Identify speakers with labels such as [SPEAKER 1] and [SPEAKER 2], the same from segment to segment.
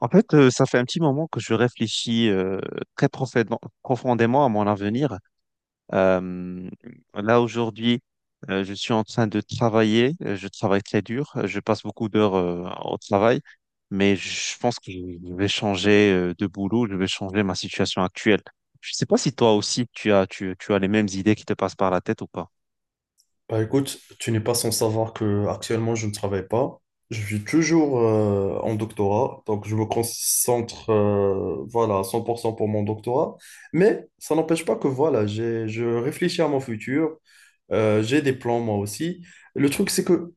[SPEAKER 1] Ça fait un petit moment que je réfléchis très profondément, profondément à mon avenir. Euh, Là, aujourd'hui, je suis en train de travailler. Je travaille très dur. Je passe beaucoup d'heures au travail. Mais je pense que je vais changer de boulot. Je vais changer ma situation actuelle. Je ne sais pas si toi aussi, tu as les mêmes idées qui te passent par la tête ou pas.
[SPEAKER 2] Bah écoute, tu n'es pas sans savoir que actuellement je ne travaille pas. Je suis toujours en doctorat, donc je me concentre voilà, à 100% pour cent pour mon doctorat. Mais ça n'empêche pas que voilà, je réfléchis à mon futur, j'ai des plans moi aussi. Le truc, c'est que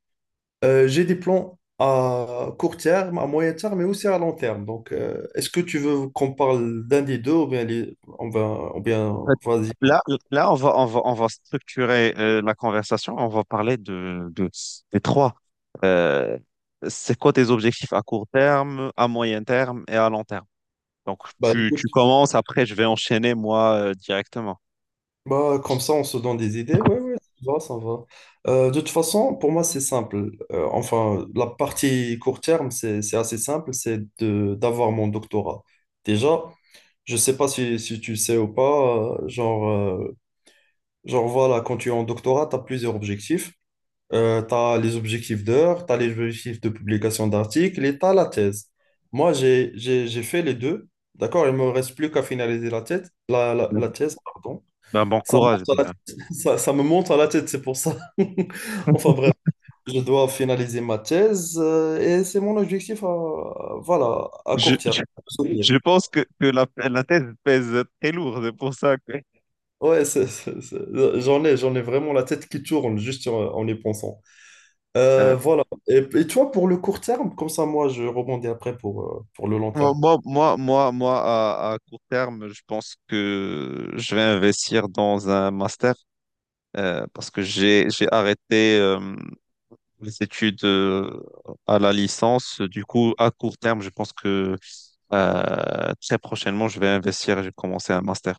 [SPEAKER 2] j'ai des plans à court terme, à moyen terme, mais aussi à long terme. Donc est-ce que tu veux qu'on parle d'un des deux ou bien,
[SPEAKER 1] fait,
[SPEAKER 2] vas-y.
[SPEAKER 1] Là, là, on va, on va, On va structurer la conversation. On va parler des trois. Euh, c'est quoi tes objectifs à court terme, à moyen terme et à long terme? Donc,
[SPEAKER 2] Bah,
[SPEAKER 1] tu
[SPEAKER 2] écoute,
[SPEAKER 1] commences, après, je vais enchaîner moi directement.
[SPEAKER 2] Bah, comme ça, on se donne des idées. Ouais, ouais, ça va, ça va. De toute façon, pour moi, c'est simple. Enfin, la partie court terme, c'est assez simple, d'avoir mon doctorat. Déjà, je sais pas si tu sais ou pas, genre voilà, quand tu es en doctorat, tu as plusieurs objectifs. Tu as les objectifs d'heures, tu as les objectifs de publication d'articles et tu as la thèse. Moi, j'ai fait les deux, d'accord? Il me reste plus qu'à finaliser la thèse, la thèse, pardon.
[SPEAKER 1] Ben, bon
[SPEAKER 2] Ça me
[SPEAKER 1] courage
[SPEAKER 2] monte à la
[SPEAKER 1] déjà.
[SPEAKER 2] tête. Ça me monte à la tête, c'est pour ça. Enfin bref, je dois finaliser ma thèse et c'est mon objectif à, voilà, à
[SPEAKER 1] Je,
[SPEAKER 2] court terme,
[SPEAKER 1] je,
[SPEAKER 2] de soutenir.
[SPEAKER 1] je pense que la thèse pèse très lourd. C'est pour ça que
[SPEAKER 2] Ouais, j'en ai vraiment la tête qui tourne juste en, en y pensant.
[SPEAKER 1] euh,
[SPEAKER 2] Voilà. Et toi, pour le court terme, comme ça, moi, je rebondis après pour le long terme.
[SPEAKER 1] à court terme, je pense que je vais investir dans un master. Parce que j'ai arrêté les études à la licence. Du coup, à court terme, je pense que très prochainement, je vais investir et je vais commencer un master.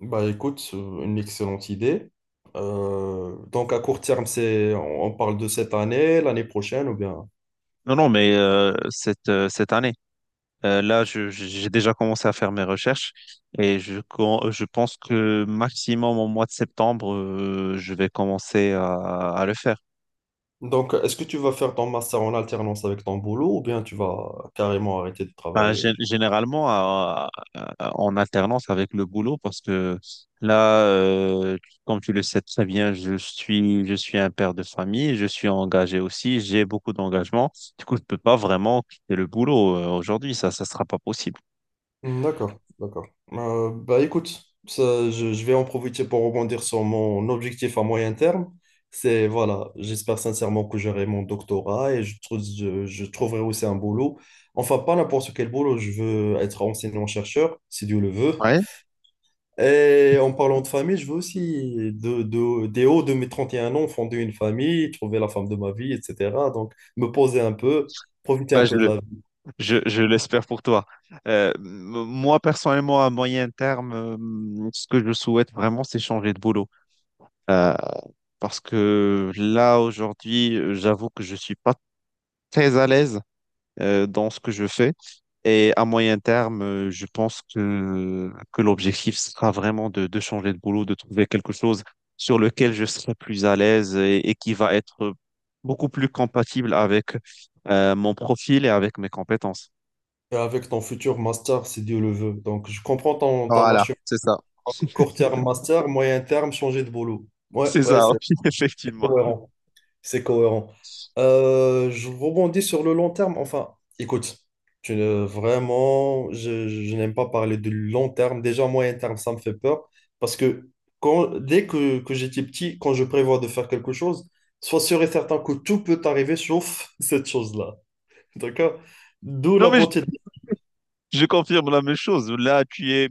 [SPEAKER 2] Bah écoute, une excellente idée. Donc à court terme, c'est, on parle de cette année, l'année prochaine ou bien...
[SPEAKER 1] Non, non, mais cette année, là, j'ai déjà commencé à faire mes recherches et je pense que maximum au mois de septembre, je vais commencer à le faire.
[SPEAKER 2] Donc, est-ce que tu vas faire ton master en alternance avec ton boulot ou bien tu vas carrément arrêter de
[SPEAKER 1] Bah,
[SPEAKER 2] travailler?
[SPEAKER 1] généralement, en alternance avec le boulot, parce que là, comme tu le sais très bien, je suis un père de famille, je suis engagé aussi, j'ai beaucoup d'engagement. Du coup, je peux pas vraiment quitter le boulot aujourd'hui, ça sera pas possible.
[SPEAKER 2] D'accord, d'accord. Bah écoute, ça, je vais en profiter pour rebondir sur mon objectif à moyen terme. C'est, voilà, j'espère sincèrement que j'aurai mon doctorat et je trouverai aussi un boulot. Enfin, pas n'importe quel boulot, je veux être enseignant-chercheur, si Dieu le veut.
[SPEAKER 1] Ouais.
[SPEAKER 2] Et en parlant de famille, je veux aussi, dès haut de mes 31 ans, fonder une famille, trouver la femme de ma vie, etc. Donc, me poser un peu, profiter un
[SPEAKER 1] Bah, je,
[SPEAKER 2] peu de
[SPEAKER 1] le-
[SPEAKER 2] la
[SPEAKER 1] je l'espère pour toi. Moi, personnellement, à moyen terme, ce que je souhaite vraiment, c'est changer de boulot. Euh, Parce que là, aujourd'hui, j'avoue que je suis pas très à l'aise dans ce que je fais. Et à moyen terme, je pense que l'objectif sera vraiment de changer de boulot, de trouver quelque chose sur lequel je serai plus à l'aise et qui va être beaucoup plus compatible avec mon profil et avec mes compétences.
[SPEAKER 2] Et avec ton futur master, si Dieu le veut. Donc, je comprends ton, ton
[SPEAKER 1] Voilà,
[SPEAKER 2] acheminement.
[SPEAKER 1] c'est ça.
[SPEAKER 2] Court terme master, moyen terme, changer de boulot. Ouais,
[SPEAKER 1] C'est
[SPEAKER 2] ouais,
[SPEAKER 1] ça,
[SPEAKER 2] c'est
[SPEAKER 1] oui, effectivement.
[SPEAKER 2] cohérent. C'est cohérent. Je rebondis sur le long terme. Enfin, écoute, tu ne- vraiment, je n'aime pas parler de long terme. Déjà, moyen terme, ça me fait peur. Parce que que j'étais petit, quand je prévois de faire quelque chose, sois sûr et certain que tout peut arriver sauf cette chose-là. D'accord? D'où
[SPEAKER 1] Non,
[SPEAKER 2] la
[SPEAKER 1] mais
[SPEAKER 2] beauté.
[SPEAKER 1] je confirme la même chose. Là, tu es,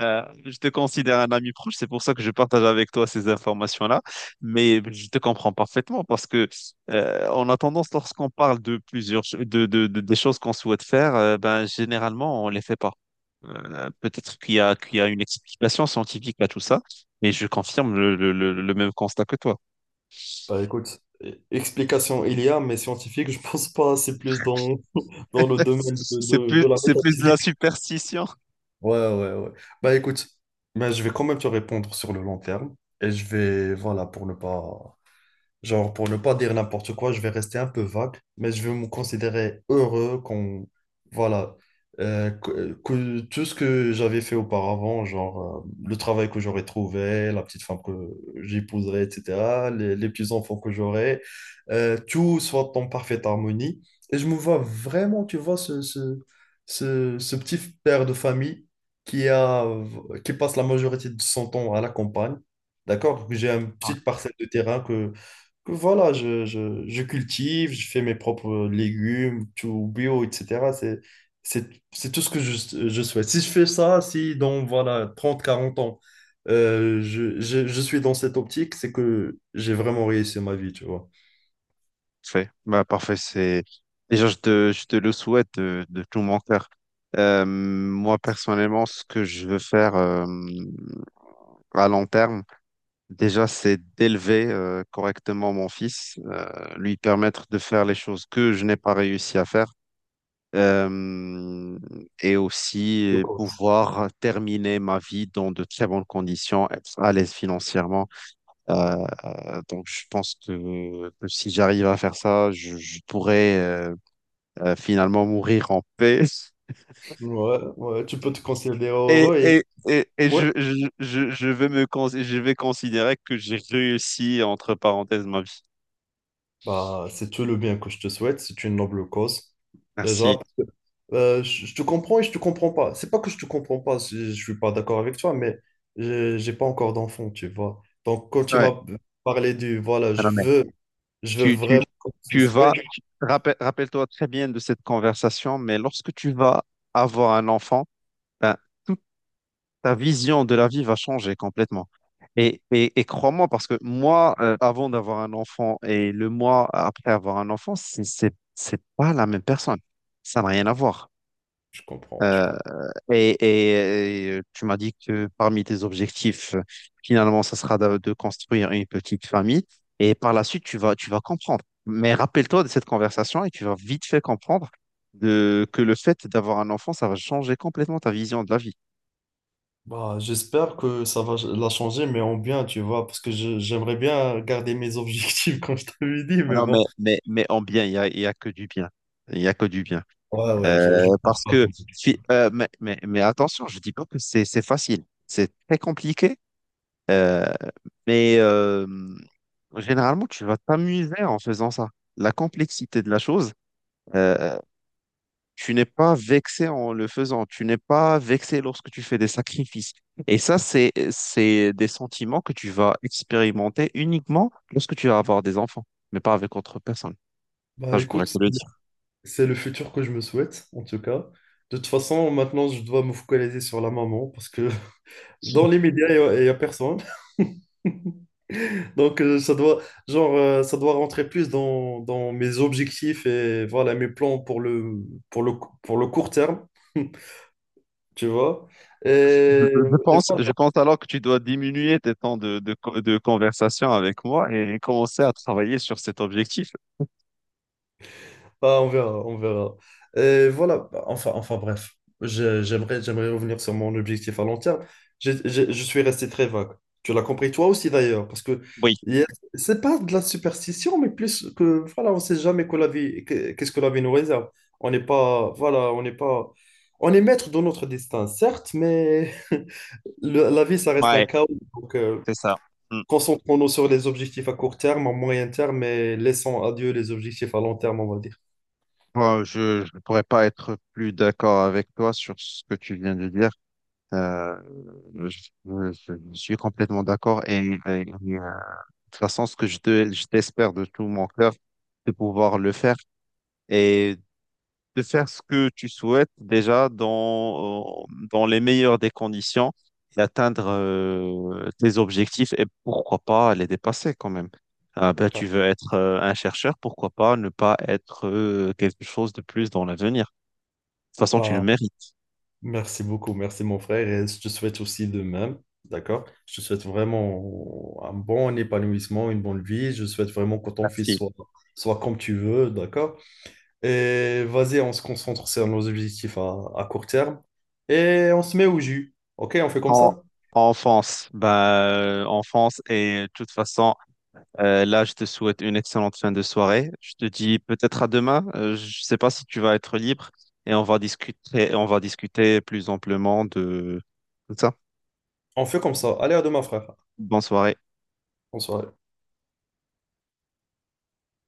[SPEAKER 1] euh, Je te considère un ami proche. C'est pour ça que je partage avec toi ces informations-là. Mais je te comprends parfaitement parce que on a tendance, lorsqu'on parle de plusieurs, ch- de- des choses qu'on souhaite faire, ben généralement on les fait pas. Peut-être qu'il y a une explication scientifique à tout ça, mais je confirme le même constat que toi.
[SPEAKER 2] Bah écoute, e- explication il y a, mais scientifique, je pense pas, c'est plus dans, dans le domaine de la
[SPEAKER 1] C'est plus de la
[SPEAKER 2] métaphysique.
[SPEAKER 1] superstition.
[SPEAKER 2] Ouais, ouais, ouais. Bah écoute, mais je vais quand même te répondre sur le long terme. Et je vais, voilà, pour ne pas pour ne pas dire n'importe quoi, je vais rester un peu vague, mais je vais me considérer heureux qu'on, voilà, que tout ce que j'avais fait auparavant, genre le travail que j'aurais trouvé, la petite femme que j'épouserais, etc., les petits-enfants que j'aurai tout soit en parfaite harmonie. Et je me vois vraiment, tu vois, ce petit père de famille qui a, qui passe la majorité de son temps à la campagne, d'accord? J'ai une petite parcelle de terrain que voilà, je cultive, je fais mes propres légumes, tout bio, etc. C'est tout ce que je souhaite. Si je fais ça, si dans voilà, 30 40 ans, je suis dans cette optique, c'est que j'ai vraiment réussi ma vie, tu vois.
[SPEAKER 1] Parfait. Bah, parfait, c'est... Déjà, je te le souhaite de tout mon cœur. Moi, personnellement, ce que je veux faire à long terme, déjà, c'est d'élever correctement mon fils, lui permettre de faire les choses que je n'ai pas réussi à faire, euh, et aussi
[SPEAKER 2] D'accord.
[SPEAKER 1] pouvoir terminer ma vie dans de très bonnes conditions, être à l'aise financièrement. Euh, donc, je pense que si j'arrive à faire ça, je pourrais finalement mourir en paix.
[SPEAKER 2] Ouais, ouais, tu peux te considérer
[SPEAKER 1] Et,
[SPEAKER 2] heureux et
[SPEAKER 1] et, et, et
[SPEAKER 2] ouais,
[SPEAKER 1] je, je, je vais je vais considérer que j'ai réussi, entre parenthèses, ma vie.
[SPEAKER 2] bah, c'est tout le bien que je te souhaite, c'est une noble cause. Déjà,
[SPEAKER 1] Merci.
[SPEAKER 2] parce que, je te comprends et je te comprends pas. C'est pas que je te comprends pas, je suis pas d'accord avec toi, mais j'ai pas encore d'enfant, tu vois. Donc, quand tu
[SPEAKER 1] Ouais.
[SPEAKER 2] m'as parlé du voilà,
[SPEAKER 1] Ah non, mais
[SPEAKER 2] je veux
[SPEAKER 1] tu, tu,
[SPEAKER 2] vraiment qu'on
[SPEAKER 1] tu
[SPEAKER 2] puisse- Oui,
[SPEAKER 1] vas, rappelle-toi très bien de cette conversation, mais lorsque tu vas avoir un enfant, ben, toute ta vision de la vie va changer complètement. Et crois-moi, parce que moi, avant d'avoir un enfant et le mois après avoir un enfant, c'est pas la même personne. Ça n'a rien à voir.
[SPEAKER 2] je comprends, je
[SPEAKER 1] Euh,
[SPEAKER 2] comprends.
[SPEAKER 1] Tu m'as dit que parmi tes objectifs, finalement, ça sera de construire une petite famille. Et par la suite, tu vas comprendre. Mais rappelle-toi de cette conversation et tu vas vite fait comprendre que le fait d'avoir un enfant, ça va changer complètement ta vision de la vie.
[SPEAKER 2] Bah, j'espère que ça va la changer, mais en bien, tu vois, parce que je- j'aimerais bien garder mes objectifs, comme je t'avais dit, mais
[SPEAKER 1] Non,
[SPEAKER 2] bon.
[SPEAKER 1] mais en bien, il y a que du bien. Il n'y a que du bien.
[SPEAKER 2] Ouais, ouais,
[SPEAKER 1] Euh,
[SPEAKER 2] je-
[SPEAKER 1] Parce que, mais attention, je dis pas que c'est facile. C'est très compliqué. Mais généralement, tu vas t'amuser en faisant ça. La complexité de la chose, euh, tu n'es pas vexé en le faisant. Tu n'es pas vexé lorsque tu fais des sacrifices. Et ça, c'est des sentiments que tu vas expérimenter uniquement lorsque tu vas avoir des enfants, mais pas avec autre personne. Ça,
[SPEAKER 2] Bah,
[SPEAKER 1] je pourrais
[SPEAKER 2] écoute.
[SPEAKER 1] te le dire.
[SPEAKER 2] C'est le futur que je me souhaite, en tout cas. De toute façon, maintenant, je dois me focaliser sur la maman parce que dans les
[SPEAKER 1] Je,
[SPEAKER 2] médias, il y a personne. Donc, ça doit rentrer plus dans, dans mes objectifs et voilà, mes plans pour le, pour le, pour le court terme, tu vois. Et
[SPEAKER 1] je pense alors que tu dois diminuer tes temps de conversation avec moi et commencer à travailler sur cet objectif.
[SPEAKER 2] bah, on verra, on verra. Et voilà, bah, enfin bref, j'aimerais revenir sur mon objectif à long terme. Je suis resté très vague. Tu l'as compris toi aussi d'ailleurs, parce que
[SPEAKER 1] Oui,
[SPEAKER 2] hier, c'est pas de la superstition, mais plus que, voilà, on sait jamais que la vie, que- qu'est-ce que la vie nous réserve. On n'est pas, voilà, on n'est pas, on est maître de notre destin, certes, mais le- la vie, ça reste un
[SPEAKER 1] ouais,
[SPEAKER 2] chaos. Donc,
[SPEAKER 1] c'est ça. Mmh.
[SPEAKER 2] concentrons-nous sur les objectifs à court terme, à moyen terme, et laissons à Dieu les objectifs à long terme, on va dire.
[SPEAKER 1] Bon, je ne pourrais pas être plus d'accord avec toi sur ce que tu viens de dire. Euh, je, je suis complètement d'accord de toute façon, ce que je t'espère de tout mon cœur, de pouvoir le faire et de faire ce que tu souhaites déjà dans les meilleures des conditions et atteindre tes objectifs et pourquoi pas les dépasser quand même. Ah ben,
[SPEAKER 2] Bah,
[SPEAKER 1] tu veux être un chercheur, pourquoi pas ne pas être quelque chose de plus dans l'avenir toute façon, tu le
[SPEAKER 2] bah,
[SPEAKER 1] mérites.
[SPEAKER 2] Merci beaucoup, merci mon frère, et je te souhaite aussi de même, d'accord? Je te souhaite vraiment un bon épanouissement, une bonne vie. Je souhaite vraiment que ton fils
[SPEAKER 1] Merci.
[SPEAKER 2] soit, soit comme tu veux, d'accord? Et vas-y, on se concentre sur nos objectifs à court terme et on se met au jus, ok? On fait comme
[SPEAKER 1] En,
[SPEAKER 2] ça?
[SPEAKER 1] enfance, bah, enfance et de toute façon, là, je te souhaite une excellente fin de soirée. Je te dis peut-être à demain. Je sais pas si tu vas être libre et on va discuter plus amplement de tout ça.
[SPEAKER 2] On fait comme ça. Allez, à demain, frère.
[SPEAKER 1] Bonne soirée.
[SPEAKER 2] Bonsoir.